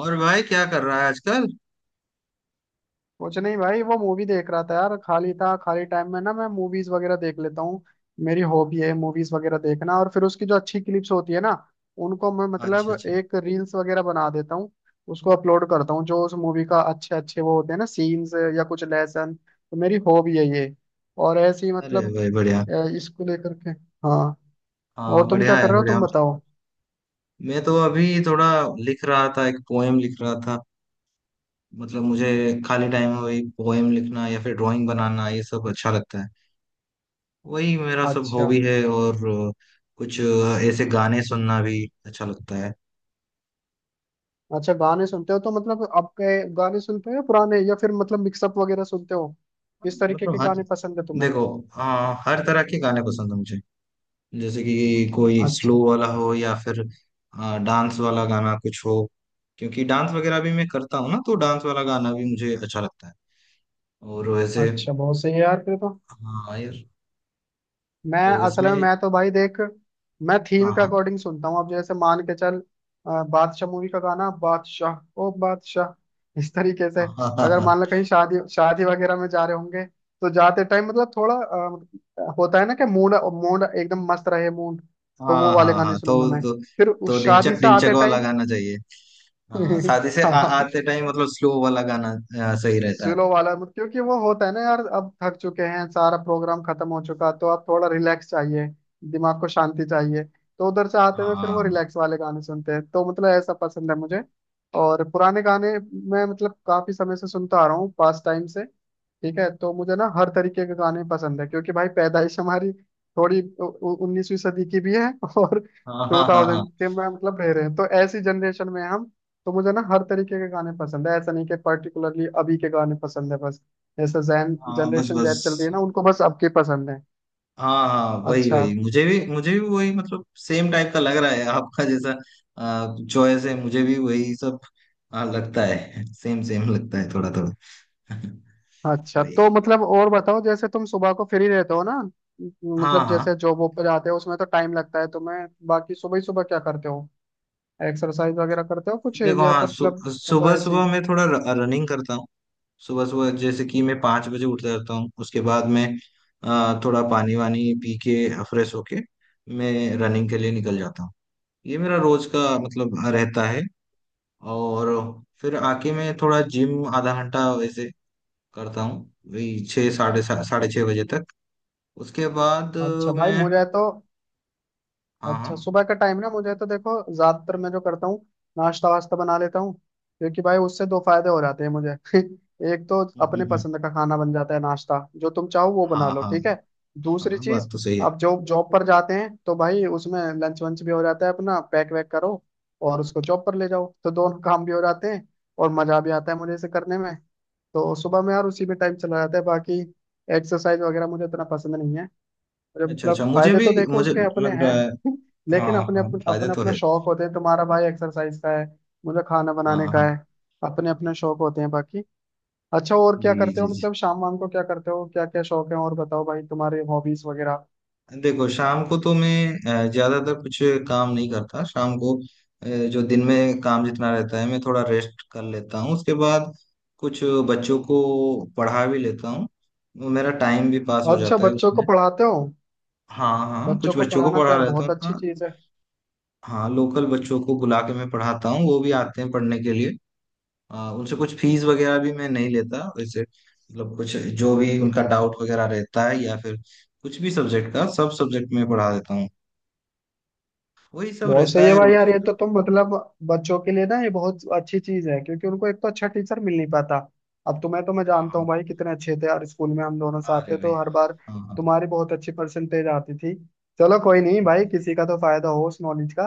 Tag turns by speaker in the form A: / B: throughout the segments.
A: और भाई क्या कर रहा है आजकल?
B: कुछ नहीं भाई, वो मूवी देख रहा था यार। खाली था, खाली टाइम में ना मैं मूवीज वगैरह देख लेता हूँ। मेरी हॉबी है मूवीज वगैरह देखना, और फिर उसकी जो अच्छी क्लिप्स होती है ना उनको मैं मतलब
A: अच्छा, अच्छा।
B: एक रील्स वगैरह बना देता हूँ। उसको अपलोड करता हूँ, जो उस मूवी का अच्छे अच्छे वो होते हैं ना सीन्स या कुछ लेसन, तो मेरी हॉबी है ये। और ऐसी
A: अरे
B: मतलब
A: भाई, बढ़िया।
B: इसको लेकर के। हाँ। और
A: हाँ,
B: तुम
A: बढ़िया
B: क्या कर
A: है,
B: रहे हो,
A: बढ़िया।
B: तुम बताओ।
A: मैं तो अभी थोड़ा लिख रहा था, एक पोएम लिख रहा था। मतलब मुझे खाली टाइम में वही पोएम लिखना या फिर ड्राइंग बनाना, ये सब अच्छा लगता है। वही मेरा सब
B: अच्छा,
A: हॉबी है। और कुछ ऐसे गाने सुनना भी अच्छा लगता है।
B: अच्छा गाने सुनते हो तो मतलब आपके, गाने सुनते हो या पुराने या फिर मतलब मिक्सअप वगैरह सुनते हो? किस तरीके के
A: मतलब हर
B: गाने पसंद है तुम्हें?
A: देखो, हाँ, हर तरह के गाने पसंद है मुझे। जैसे कि कोई स्लो
B: अच्छा।
A: वाला हो या फिर डांस वाला गाना कुछ हो। क्योंकि डांस वगैरह भी मैं करता हूँ ना, तो डांस वाला गाना भी मुझे अच्छा लगता है। और वैसे।
B: अच्छा बहुत सही है यार फिर तो।
A: हाँ यार।
B: मैं
A: तो
B: असल में
A: इसमें।
B: मैं तो भाई देख, मैं थीम के
A: हाँ,
B: अकॉर्डिंग सुनता हूँ। अब जैसे मान के चल बादशाह मूवी का गाना, बादशाह ओ बादशाह, इस तरीके से।
A: हाँ, हाँ, हाँ,
B: अगर
A: हाँ,
B: मान लो कहीं शादी शादी वगैरह में जा रहे होंगे, तो जाते टाइम मतलब थोड़ा होता है ना कि मूड, मूड एकदम मस्त रहे मूड, तो वो
A: हाँ,
B: वाले
A: हाँ,
B: गाने
A: हाँ,
B: सुनूंगा
A: तो
B: मैं।
A: तो
B: फिर उस
A: तो
B: शादी
A: डिंचक
B: से
A: डिंचक
B: आते
A: वाला
B: टाइम
A: गाना चाहिए। हाँ, शादी से आ,
B: हाँ,
A: आते टाइम मतलब स्लो वाला गाना। सही रहता है।
B: स्लो वाला मत- क्योंकि वो होता है ना यार, अब थक चुके हैं, सारा प्रोग्राम खत्म हो चुका, तो अब थोड़ा रिलैक्स चाहिए। दिमाग को शांति चाहिए, तो उधर से आते हुए फिर वो
A: हाँ,
B: रिलैक्स वाले गाने सुनते हैं, तो मतलब ऐसा पसंद है मुझे। और पुराने गाने मैं मतलब काफी समय से सुनता आ रहा हूँ पास टाइम से। ठीक है, तो मुझे ना हर तरीके के गाने पसंद है, क्योंकि भाई पैदाइश हमारी थोड़ी 19वीं सदी की भी है और
A: हाँ, हाँ,
B: टू
A: हाँ, हाँ,
B: थाउजेंड
A: हाँ,
B: के में मतलब रह रहे हैं, तो ऐसी जनरेशन में हम। तो मुझे ना हर तरीके के गाने पसंद है, ऐसा नहीं कि पर्टिकुलरली अभी के गाने पसंद है बस। जैसे जैन
A: हाँ, बस,
B: जनरेशन जैद चल रही
A: बस।
B: है ना, उनको बस अब के पसंद है।
A: हाँ, हाँ, वही
B: अच्छा।
A: वही, मुझे भी वही मतलब सेम टाइप का लग रहा है आपका जैसा। चॉइस है, मुझे भी वही सब। हाँ, लगता है सेम सेम, लगता है थोड़ा थोड़ा।
B: अच्छा
A: वही।
B: तो मतलब और बताओ, जैसे तुम सुबह को फ्री रहते हो ना,
A: हाँ,
B: मतलब
A: हाँ।
B: जैसे जॉब वॉब पे जाते हो उसमें तो टाइम लगता है तुम्हें, बाकी सुबह ही सुबह क्या करते हो? एक्सरसाइज वगैरह करते हो कुछ,
A: देखो,
B: या
A: हाँ,
B: मतलब सुबह
A: सुबह
B: ऐसे ही?
A: सुबह मैं थोड़ा रनिंग करता हूँ। सुबह सुबह जैसे कि मैं 5 बजे उठ जाता हूँ। उसके बाद मैं थोड़ा पानी वानी पी के फ्रेश होके मैं रनिंग के लिए निकल जाता हूँ। ये मेरा रोज का मतलब रहता है। और फिर आके मैं थोड़ा जिम आधा घंटा वैसे करता हूँ। वही 6:30 बजे तक। उसके बाद
B: अच्छा भाई,
A: मैं।
B: मुझे तो,
A: हाँ, हाँ।
B: अच्छा सुबह का टाइम ना मुझे तो देखो, ज्यादातर मैं जो करता हूँ नाश्ता वास्ता बना लेता हूँ। क्योंकि भाई उससे दो फायदे हो जाते हैं मुझे। एक तो अपने
A: हम्म।
B: पसंद का खाना बन जाता है, नाश्ता जो तुम चाहो वो बना
A: हाँ,
B: लो,
A: हाँ।
B: ठीक है। दूसरी
A: हाँ, बात
B: चीज,
A: तो सही है।
B: आप जो जॉब पर जाते हैं तो भाई उसमें लंच वंच भी हो जाता है, अपना पैक वैक करो और उसको जॉब पर ले जाओ, तो दोनों काम भी हो जाते हैं और मजा भी आता है मुझे इसे करने में। तो सुबह में यार उसी में टाइम चला जाता है, बाकी एक्सरसाइज वगैरह मुझे इतना पसंद नहीं है। अरे
A: अच्छा,
B: मतलब
A: अच्छा, मुझे
B: फायदे
A: भी,
B: तो देखो
A: मुझे
B: उसके अपने
A: लग रहा
B: हैं।
A: है। हाँ,
B: लेकिन अपने
A: हाँ,
B: अपने
A: फायदे
B: अपने
A: तो
B: अपना
A: है।
B: शौक होते हैं, तुम्हारा भाई एक्सरसाइज का है, मुझे खाना
A: हाँ,
B: बनाने का
A: हाँ,
B: है। अपने अपने शौक होते हैं बाकी। अच्छा, और क्या
A: जी,
B: करते
A: जी,
B: हो,
A: जी।
B: मतलब शाम वाम को क्या करते हो? क्या क्या शौक है और, बताओ भाई तुम्हारे हॉबीज वगैरह।
A: देखो, शाम को तो मैं ज्यादातर कुछ काम नहीं करता शाम को। अ, जो दिन में काम जितना रहता है मैं थोड़ा रेस्ट कर लेता हूँ, उसके बाद कुछ बच्चों को पढ़ा भी लेता हूँ। वो मेरा टाइम भी पास हो
B: अच्छा,
A: जाता है
B: बच्चों को
A: उसमें।
B: पढ़ाते हो?
A: हाँ, हाँ,
B: बच्चों
A: कुछ
B: को
A: बच्चों को
B: पढ़ाना तो
A: पढ़ा
B: यार
A: लेता
B: बहुत
A: हूँ,
B: अच्छी
A: हाँ।
B: चीज है।
A: हाँ, लोकल बच्चों को बुला के मैं पढ़ाता हूँ, वो भी आते हैं पढ़ने के लिए। उनसे कुछ फीस वगैरह भी मैं नहीं लेता, वैसे मतलब कुछ, जो भी उनका डाउट वगैरह रहता है या फिर कुछ भी सब्जेक्ट का, सब सब्जेक्ट में पढ़ा देता हूँ। वही सब
B: बहुत
A: रहता
B: सही है
A: है
B: भाई यार,
A: रोज।
B: ये तो तुम मतलब बच्चों के लिए ना ये बहुत अच्छी चीज है, क्योंकि उनको एक तो अच्छा टीचर मिल नहीं पाता। अब तुम्हें तो मैं जानता
A: हाँ,
B: हूँ भाई, कितने अच्छे थे यार, स्कूल में हम दोनों
A: हाँ,
B: साथ
A: अरे
B: थे,
A: भाई,
B: तो हर बार
A: हाँ, हाँ,
B: तुम्हारी बहुत अच्छी परसेंटेज आती थी। चलो कोई नहीं भाई,
A: जी,
B: किसी का तो फायदा हो उस नॉलेज का।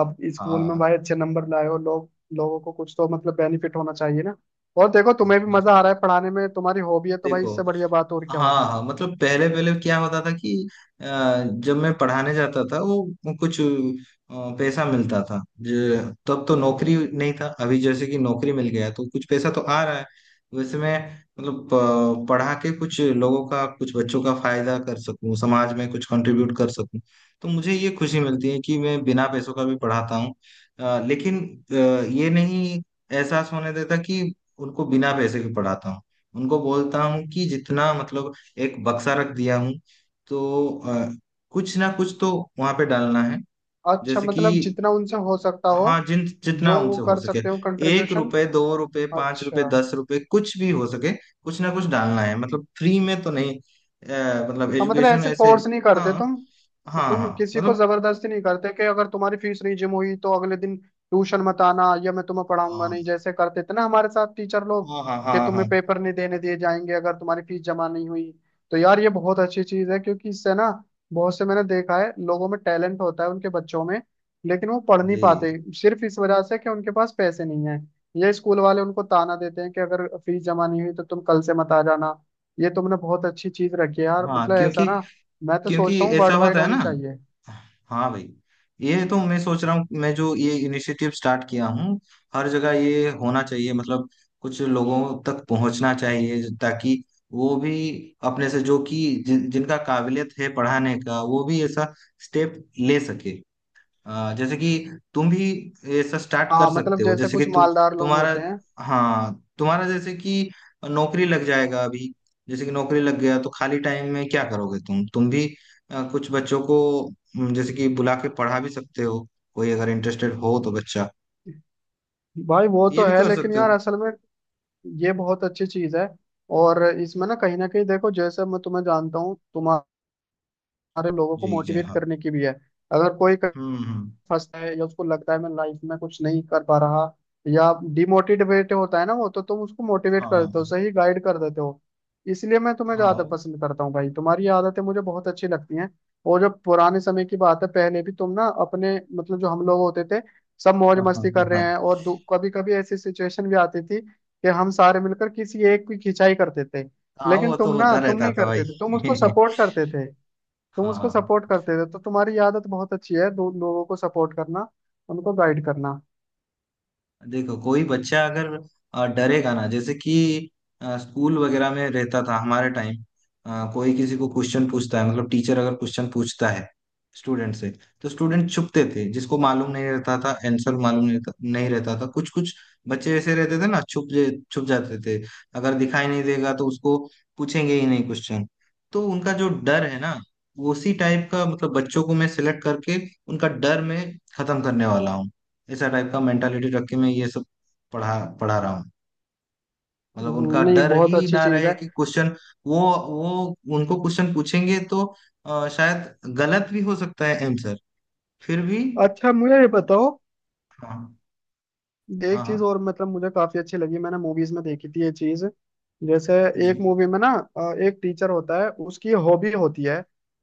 B: अब स्कूल में
A: हाँ,
B: भाई अच्छे नंबर लाए हो लोग, लोगों को कुछ तो मतलब बेनिफिट होना चाहिए ना। और देखो तुम्हें
A: जी
B: भी मजा
A: मतलब।
B: आ रहा है पढ़ाने में, तुम्हारी हॉबी है, तो भाई
A: देखो,
B: इससे बढ़िया बात और क्या
A: हाँ,
B: होगी।
A: हाँ, मतलब पहले पहले क्या होता था कि, अ, जब मैं पढ़ाने जाता था वो कुछ पैसा मिलता था, जो तब तो नौकरी नहीं था, अभी जैसे कि नौकरी मिल गया तो कुछ पैसा तो आ रहा है। वैसे मैं मतलब पढ़ा के कुछ लोगों का, कुछ बच्चों का फायदा कर सकूं, समाज में कुछ कंट्रीब्यूट कर सकूं। तो मुझे ये खुशी मिलती है कि मैं बिना पैसों का भी पढ़ाता हूँ। लेकिन ये नहीं एहसास होने देता कि उनको बिना पैसे के पढ़ाता हूँ। उनको बोलता हूँ कि जितना मतलब, एक बक्सा रख दिया हूँ, तो कुछ ना कुछ तो वहां पे डालना है।
B: अच्छा,
A: जैसे कि,
B: मतलब जितना उनसे हो सकता हो,
A: हाँ, जिन जितना
B: जो वो
A: उनसे हो
B: कर
A: सके,
B: सकते हो
A: एक
B: कंट्रीब्यूशन।
A: रुपए 2 रुपए, 5 रुपए,
B: अच्छा।
A: 10 रुपए, कुछ भी हो सके, कुछ ना कुछ डालना है, मतलब फ्री में तो नहीं, मतलब
B: हाँ मतलब
A: एजुकेशन
B: ऐसे
A: ऐसे।
B: फोर्स नहीं करते
A: हाँ,
B: तुम
A: हाँ,
B: तुम
A: हाँ,
B: किसी को
A: मतलब
B: जबरदस्ती नहीं करते कि अगर तुम्हारी फीस नहीं जम हुई तो अगले दिन ट्यूशन मत आना, या मैं तुम्हें
A: अ,
B: पढ़ाऊंगा नहीं, जैसे करते थे ना हमारे साथ टीचर लोग,
A: हाँ, हाँ, हाँ,
B: कि
A: हाँ,
B: तुम्हें पेपर नहीं देने दिए जाएंगे अगर तुम्हारी फीस जमा नहीं हुई। तो यार ये बहुत अच्छी चीज है, क्योंकि इससे ना, बहुत से मैंने देखा है लोगों में टैलेंट होता है, उनके बच्चों में, लेकिन वो पढ़ नहीं
A: जी,
B: पाते सिर्फ इस वजह से कि उनके पास पैसे नहीं है। ये स्कूल वाले उनको ताना देते हैं कि अगर फीस जमा नहीं हुई तो तुम कल से मत आ जाना। ये तुमने बहुत अच्छी चीज रखी है यार,
A: हाँ।
B: मतलब ऐसा
A: क्योंकि
B: ना, मैं तो
A: क्योंकि
B: सोचता हूँ
A: ऐसा
B: वर्ल्ड वाइड
A: होता है
B: होने
A: ना।
B: चाहिए।
A: हाँ भाई। ये तो मैं सोच रहा हूँ, मैं जो ये इनिशिएटिव स्टार्ट किया हूँ, हर जगह ये होना चाहिए, मतलब कुछ लोगों तक पहुंचना चाहिए ताकि वो भी अपने से, जो कि जिनका काबिलियत है पढ़ाने का, वो भी ऐसा स्टेप ले सके। जैसे कि तुम भी ऐसा स्टार्ट कर
B: हाँ
A: सकते
B: मतलब
A: हो,
B: जैसे
A: जैसे कि
B: कुछ मालदार लोग
A: तुम्हारा,
B: होते हैं।
A: हाँ, तुम्हारा जैसे कि नौकरी लग जाएगा अभी, जैसे कि नौकरी लग गया तो खाली टाइम में क्या करोगे, तुम भी कुछ बच्चों को जैसे कि बुला के पढ़ा भी सकते हो, कोई अगर इंटरेस्टेड हो तो बच्चा,
B: भाई वो
A: ये
B: तो
A: भी
B: है,
A: कर
B: लेकिन
A: सकते
B: यार
A: हो।
B: असल में ये बहुत अच्छी चीज है। और इसमें ना कहीं देखो, जैसे मैं तुम्हें जानता हूँ, तुम्हारे लोगों को
A: जी, जय,
B: मोटिवेट
A: हाँ।
B: करने की भी है। अगर कोई
A: हम्म,
B: फंसता है या उसको लगता है मैं लाइफ में कुछ नहीं कर पा रहा, या डिमोटिवेट होता है ना वो, तो तुम उसको मोटिवेट
A: हाँ,
B: कर देते हो,
A: हाँ,
B: सही गाइड कर देते हो। इसलिए मैं तुम्हें
A: हाँ,
B: ज्यादा
A: हाँ,
B: पसंद करता हूँ भाई, तुम्हारी ये आदतें मुझे बहुत अच्छी लगती हैं। और जब पुराने समय की बात है, पहले भी तुम ना अपने मतलब जो हम लोग होते थे, सब मौज
A: हाँ, हाँ,
B: मस्ती कर रहे
A: हाँ।
B: हैं, और कभी कभी ऐसी सिचुएशन भी आती थी कि हम सारे मिलकर किसी एक की खिंचाई करते थे,
A: हाँ,
B: लेकिन
A: वो तो
B: तुम ना,
A: होता
B: तुम
A: रहता
B: नहीं
A: था भाई।
B: करते थे, तुम उसको सपोर्ट करते थे। तुम
A: हाँ,
B: उसको
A: हाँ।
B: सपोर्ट करते थे, तो तुम्हारी आदत बहुत अच्छी है, दो लोगों को सपोर्ट करना, उनको गाइड करना।
A: देखो, कोई बच्चा अगर डरेगा ना, जैसे कि स्कूल वगैरह में रहता था हमारे टाइम, कोई किसी को क्वेश्चन पूछता है, मतलब टीचर अगर क्वेश्चन पूछता है स्टूडेंट से, तो स्टूडेंट छुपते थे, जिसको मालूम नहीं रहता था आंसर, मालूम नहीं रहता था, कुछ कुछ बच्चे ऐसे रहते थे ना, छुप जाते थे। अगर दिखाई नहीं देगा तो उसको पूछेंगे ही नहीं क्वेश्चन। तो उनका जो डर है ना, उसी टाइप का मतलब बच्चों को मैं सिलेक्ट करके उनका डर मैं खत्म करने वाला हूँ। ऐसा टाइप का मेंटालिटी रख के मैं ये सब पढ़ा पढ़ा रहा हूँ, मतलब उनका
B: नहीं
A: डर
B: बहुत
A: ही
B: अच्छी
A: ना
B: चीज
A: रहे
B: है।
A: कि क्वेश्चन, वो वो उनको क्वेश्चन पूछेंगे तो शायद गलत भी हो सकता है आंसर, फिर भी।
B: अच्छा मुझे ये बताओ,
A: हाँ,
B: एक
A: हाँ,
B: चीज
A: हाँ,
B: और, मतलब मुझे काफी अच्छी लगी, मैंने मूवीज में देखी थी ये चीज। जैसे एक
A: जी,
B: मूवी में ना एक टीचर होता है, उसकी हॉबी होती है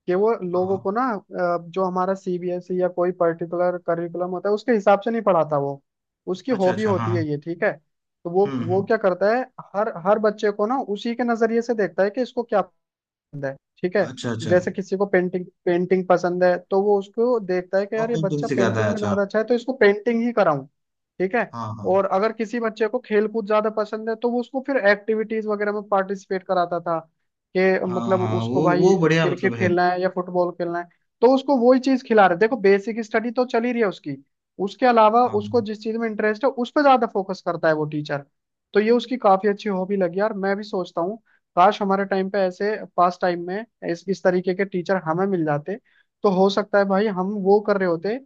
B: कि वो
A: हाँ,
B: लोगों
A: हाँ,
B: को ना, जो हमारा सीबीएसई या कोई पर्टिकुलर करिकुलम होता है उसके हिसाब से नहीं पढ़ाता वो, उसकी
A: अच्छा,
B: हॉबी
A: अच्छा, हाँ,
B: होती
A: हाँ,
B: है ये, ठीक है। तो वो
A: हम्म,
B: क्या करता है, हर हर बच्चे को ना उसी के नजरिए से देखता है कि इसको क्या पसंद है, ठीक है।
A: अच्छा, अच्छा,
B: जैसे किसी को पेंटिंग, पेंटिंग पसंद है, तो वो उसको देखता है कि
A: और
B: यार ये
A: पेंटिंग
B: बच्चा
A: सिखाता है,
B: पेंटिंग में
A: अच्छा,
B: ज्यादा अच्छा है, तो इसको पेंटिंग ही कराऊं, ठीक है।
A: हाँ, हाँ,
B: और अगर किसी बच्चे को खेल कूद ज्यादा पसंद है, तो वो उसको फिर एक्टिविटीज वगैरह में पार्टिसिपेट कराता था, कि
A: हाँ,
B: मतलब
A: हाँ,
B: उसको
A: वो
B: भाई
A: वो बढ़िया मतलब
B: क्रिकेट
A: है।
B: खेलना है या फुटबॉल खेलना है, तो उसको वही चीज खिला रहे। देखो बेसिक स्टडी तो चल ही रही है उसकी, उसके अलावा
A: हाँ,
B: उसको जिस चीज में इंटरेस्ट है उस पर ज्यादा फोकस करता है वो टीचर। तो ये उसकी काफी अच्छी हॉबी लगी यार, मैं भी सोचता हूँ काश हमारे टाइम पे ऐसे, पास टाइम में इस तरीके के टीचर हमें मिल जाते, तो हो सकता है भाई हम वो कर रहे होते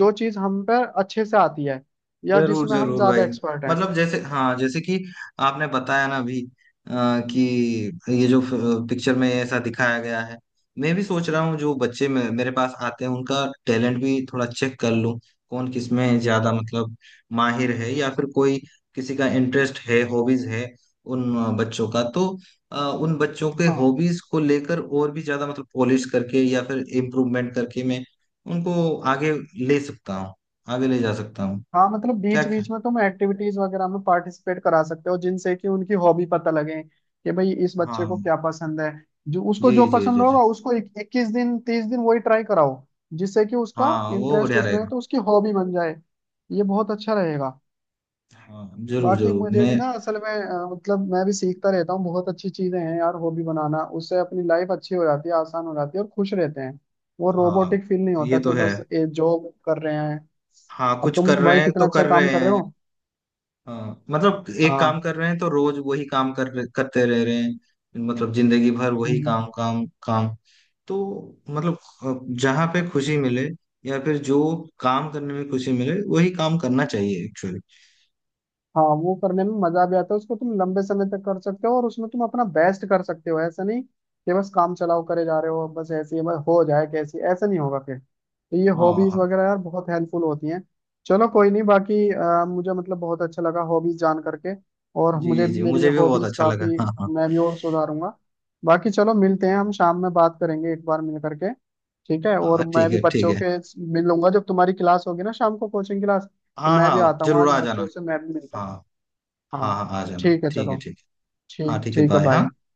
B: जो चीज हम पर अच्छे से आती है, या
A: जरूर
B: जिसमें हम
A: जरूर
B: ज्यादा
A: भाई।
B: एक्सपर्ट हैं।
A: मतलब जैसे, हाँ, जैसे कि आपने बताया ना अभी, कि ये जो पिक्चर में ऐसा दिखाया गया है, मैं भी सोच रहा हूँ जो बच्चे मेरे पास आते हैं उनका टैलेंट भी थोड़ा चेक कर लूँ, कौन किस में ज्यादा मतलब माहिर है, या फिर कोई, किसी का इंटरेस्ट है, हॉबीज है, उन बच्चों का तो, उन बच्चों के
B: हाँ।
A: हॉबीज को लेकर और भी ज्यादा मतलब पॉलिश करके या फिर इम्प्रूवमेंट करके मैं उनको ले सकता हूँ आगे ले जा सकता हूँ।
B: हाँ मतलब
A: क्या
B: बीच
A: क्या,
B: बीच में तुम एक्टिविटीज वगैरह में पार्टिसिपेट करा सकते हो, जिनसे कि उनकी हॉबी पता लगे कि भाई इस बच्चे
A: हाँ,
B: को क्या पसंद है। जो उसको
A: जी,
B: जो
A: जी,
B: पसंद
A: जी, जी।
B: होगा उसको 21 दिन, 30 दिन वही ट्राई कराओ, जिससे कि उसका
A: हाँ, वो
B: इंटरेस्ट
A: बढ़िया
B: उसमें है
A: रहेगा।
B: तो उसकी हॉबी बन जाए। ये बहुत अच्छा रहेगा।
A: हाँ, जरूर
B: बाकी
A: जरूर
B: मुझे
A: मैं।
B: भी ना असल में मतलब मैं भी सीखता रहता हूँ, बहुत अच्छी चीजें हैं यार हॉबी बनाना, उससे अपनी लाइफ अच्छी हो जाती है, आसान हो जाती है और खुश रहते हैं। वो
A: हाँ,
B: रोबोटिक फील नहीं
A: ये
B: होता
A: तो
B: कि
A: है।
B: बस ये जॉब कर रहे हैं।
A: हाँ,
B: अब
A: कुछ
B: तुम
A: कर रहे
B: भाई
A: हैं
B: कितना
A: तो
B: अच्छा
A: कर रहे
B: काम कर रहे
A: हैं।
B: हो।
A: हाँ, मतलब एक काम
B: हाँ।
A: कर रहे हैं तो रोज वही काम करते रह रहे हैं, मतलब जिंदगी भर वही
B: हम्म।
A: काम, काम, काम। तो मतलब जहां पे खुशी मिले, या फिर जो काम करने में खुशी मिले वही काम करना चाहिए एक्चुअली।
B: हाँ, वो करने में मजा भी आता है, उसको तुम लंबे समय तक कर सकते हो और उसमें तुम अपना बेस्ट कर सकते हो। ऐसा नहीं कि बस काम चलाओ, करे जा रहे हो बस ऐसे ही, बस हो जाए कैसे, ऐसा नहीं होगा फिर। तो ये
A: हाँ,
B: हॉबीज
A: हाँ,
B: वगैरह यार बहुत हेल्पफुल होती हैं। चलो कोई नहीं, बाकी मुझे मतलब बहुत अच्छा लगा हॉबीज जान करके, और
A: जी,
B: मुझे
A: जी,
B: भी मेरी
A: मुझे भी बहुत
B: हॉबीज
A: अच्छा लगा,
B: काफी,
A: हाँ, हाँ।
B: मैं भी और सुधारूंगा। बाकी चलो मिलते हैं, हम शाम में बात करेंगे एक बार मिल करके। ठीक है, और
A: हाँ,
B: मैं
A: ठीक
B: भी
A: है, ठीक
B: बच्चों
A: है।
B: के, मिल लूंगा जब तुम्हारी क्लास होगी ना, शाम को कोचिंग क्लास, तो
A: हाँ,
B: मैं भी
A: हाँ,
B: आता हूँ
A: जरूर
B: आज,
A: आ जाना।
B: बच्चों से मैं भी मिलता
A: हाँ,
B: हूँ।
A: हाँ,
B: हाँ।
A: हाँ, आ जाना,
B: ठीक है
A: ठीक है,
B: चलो,
A: ठीक है। हाँ,
B: ठीक
A: ठीक है,
B: ठीक है,
A: बाय,
B: बाय।
A: हाँ।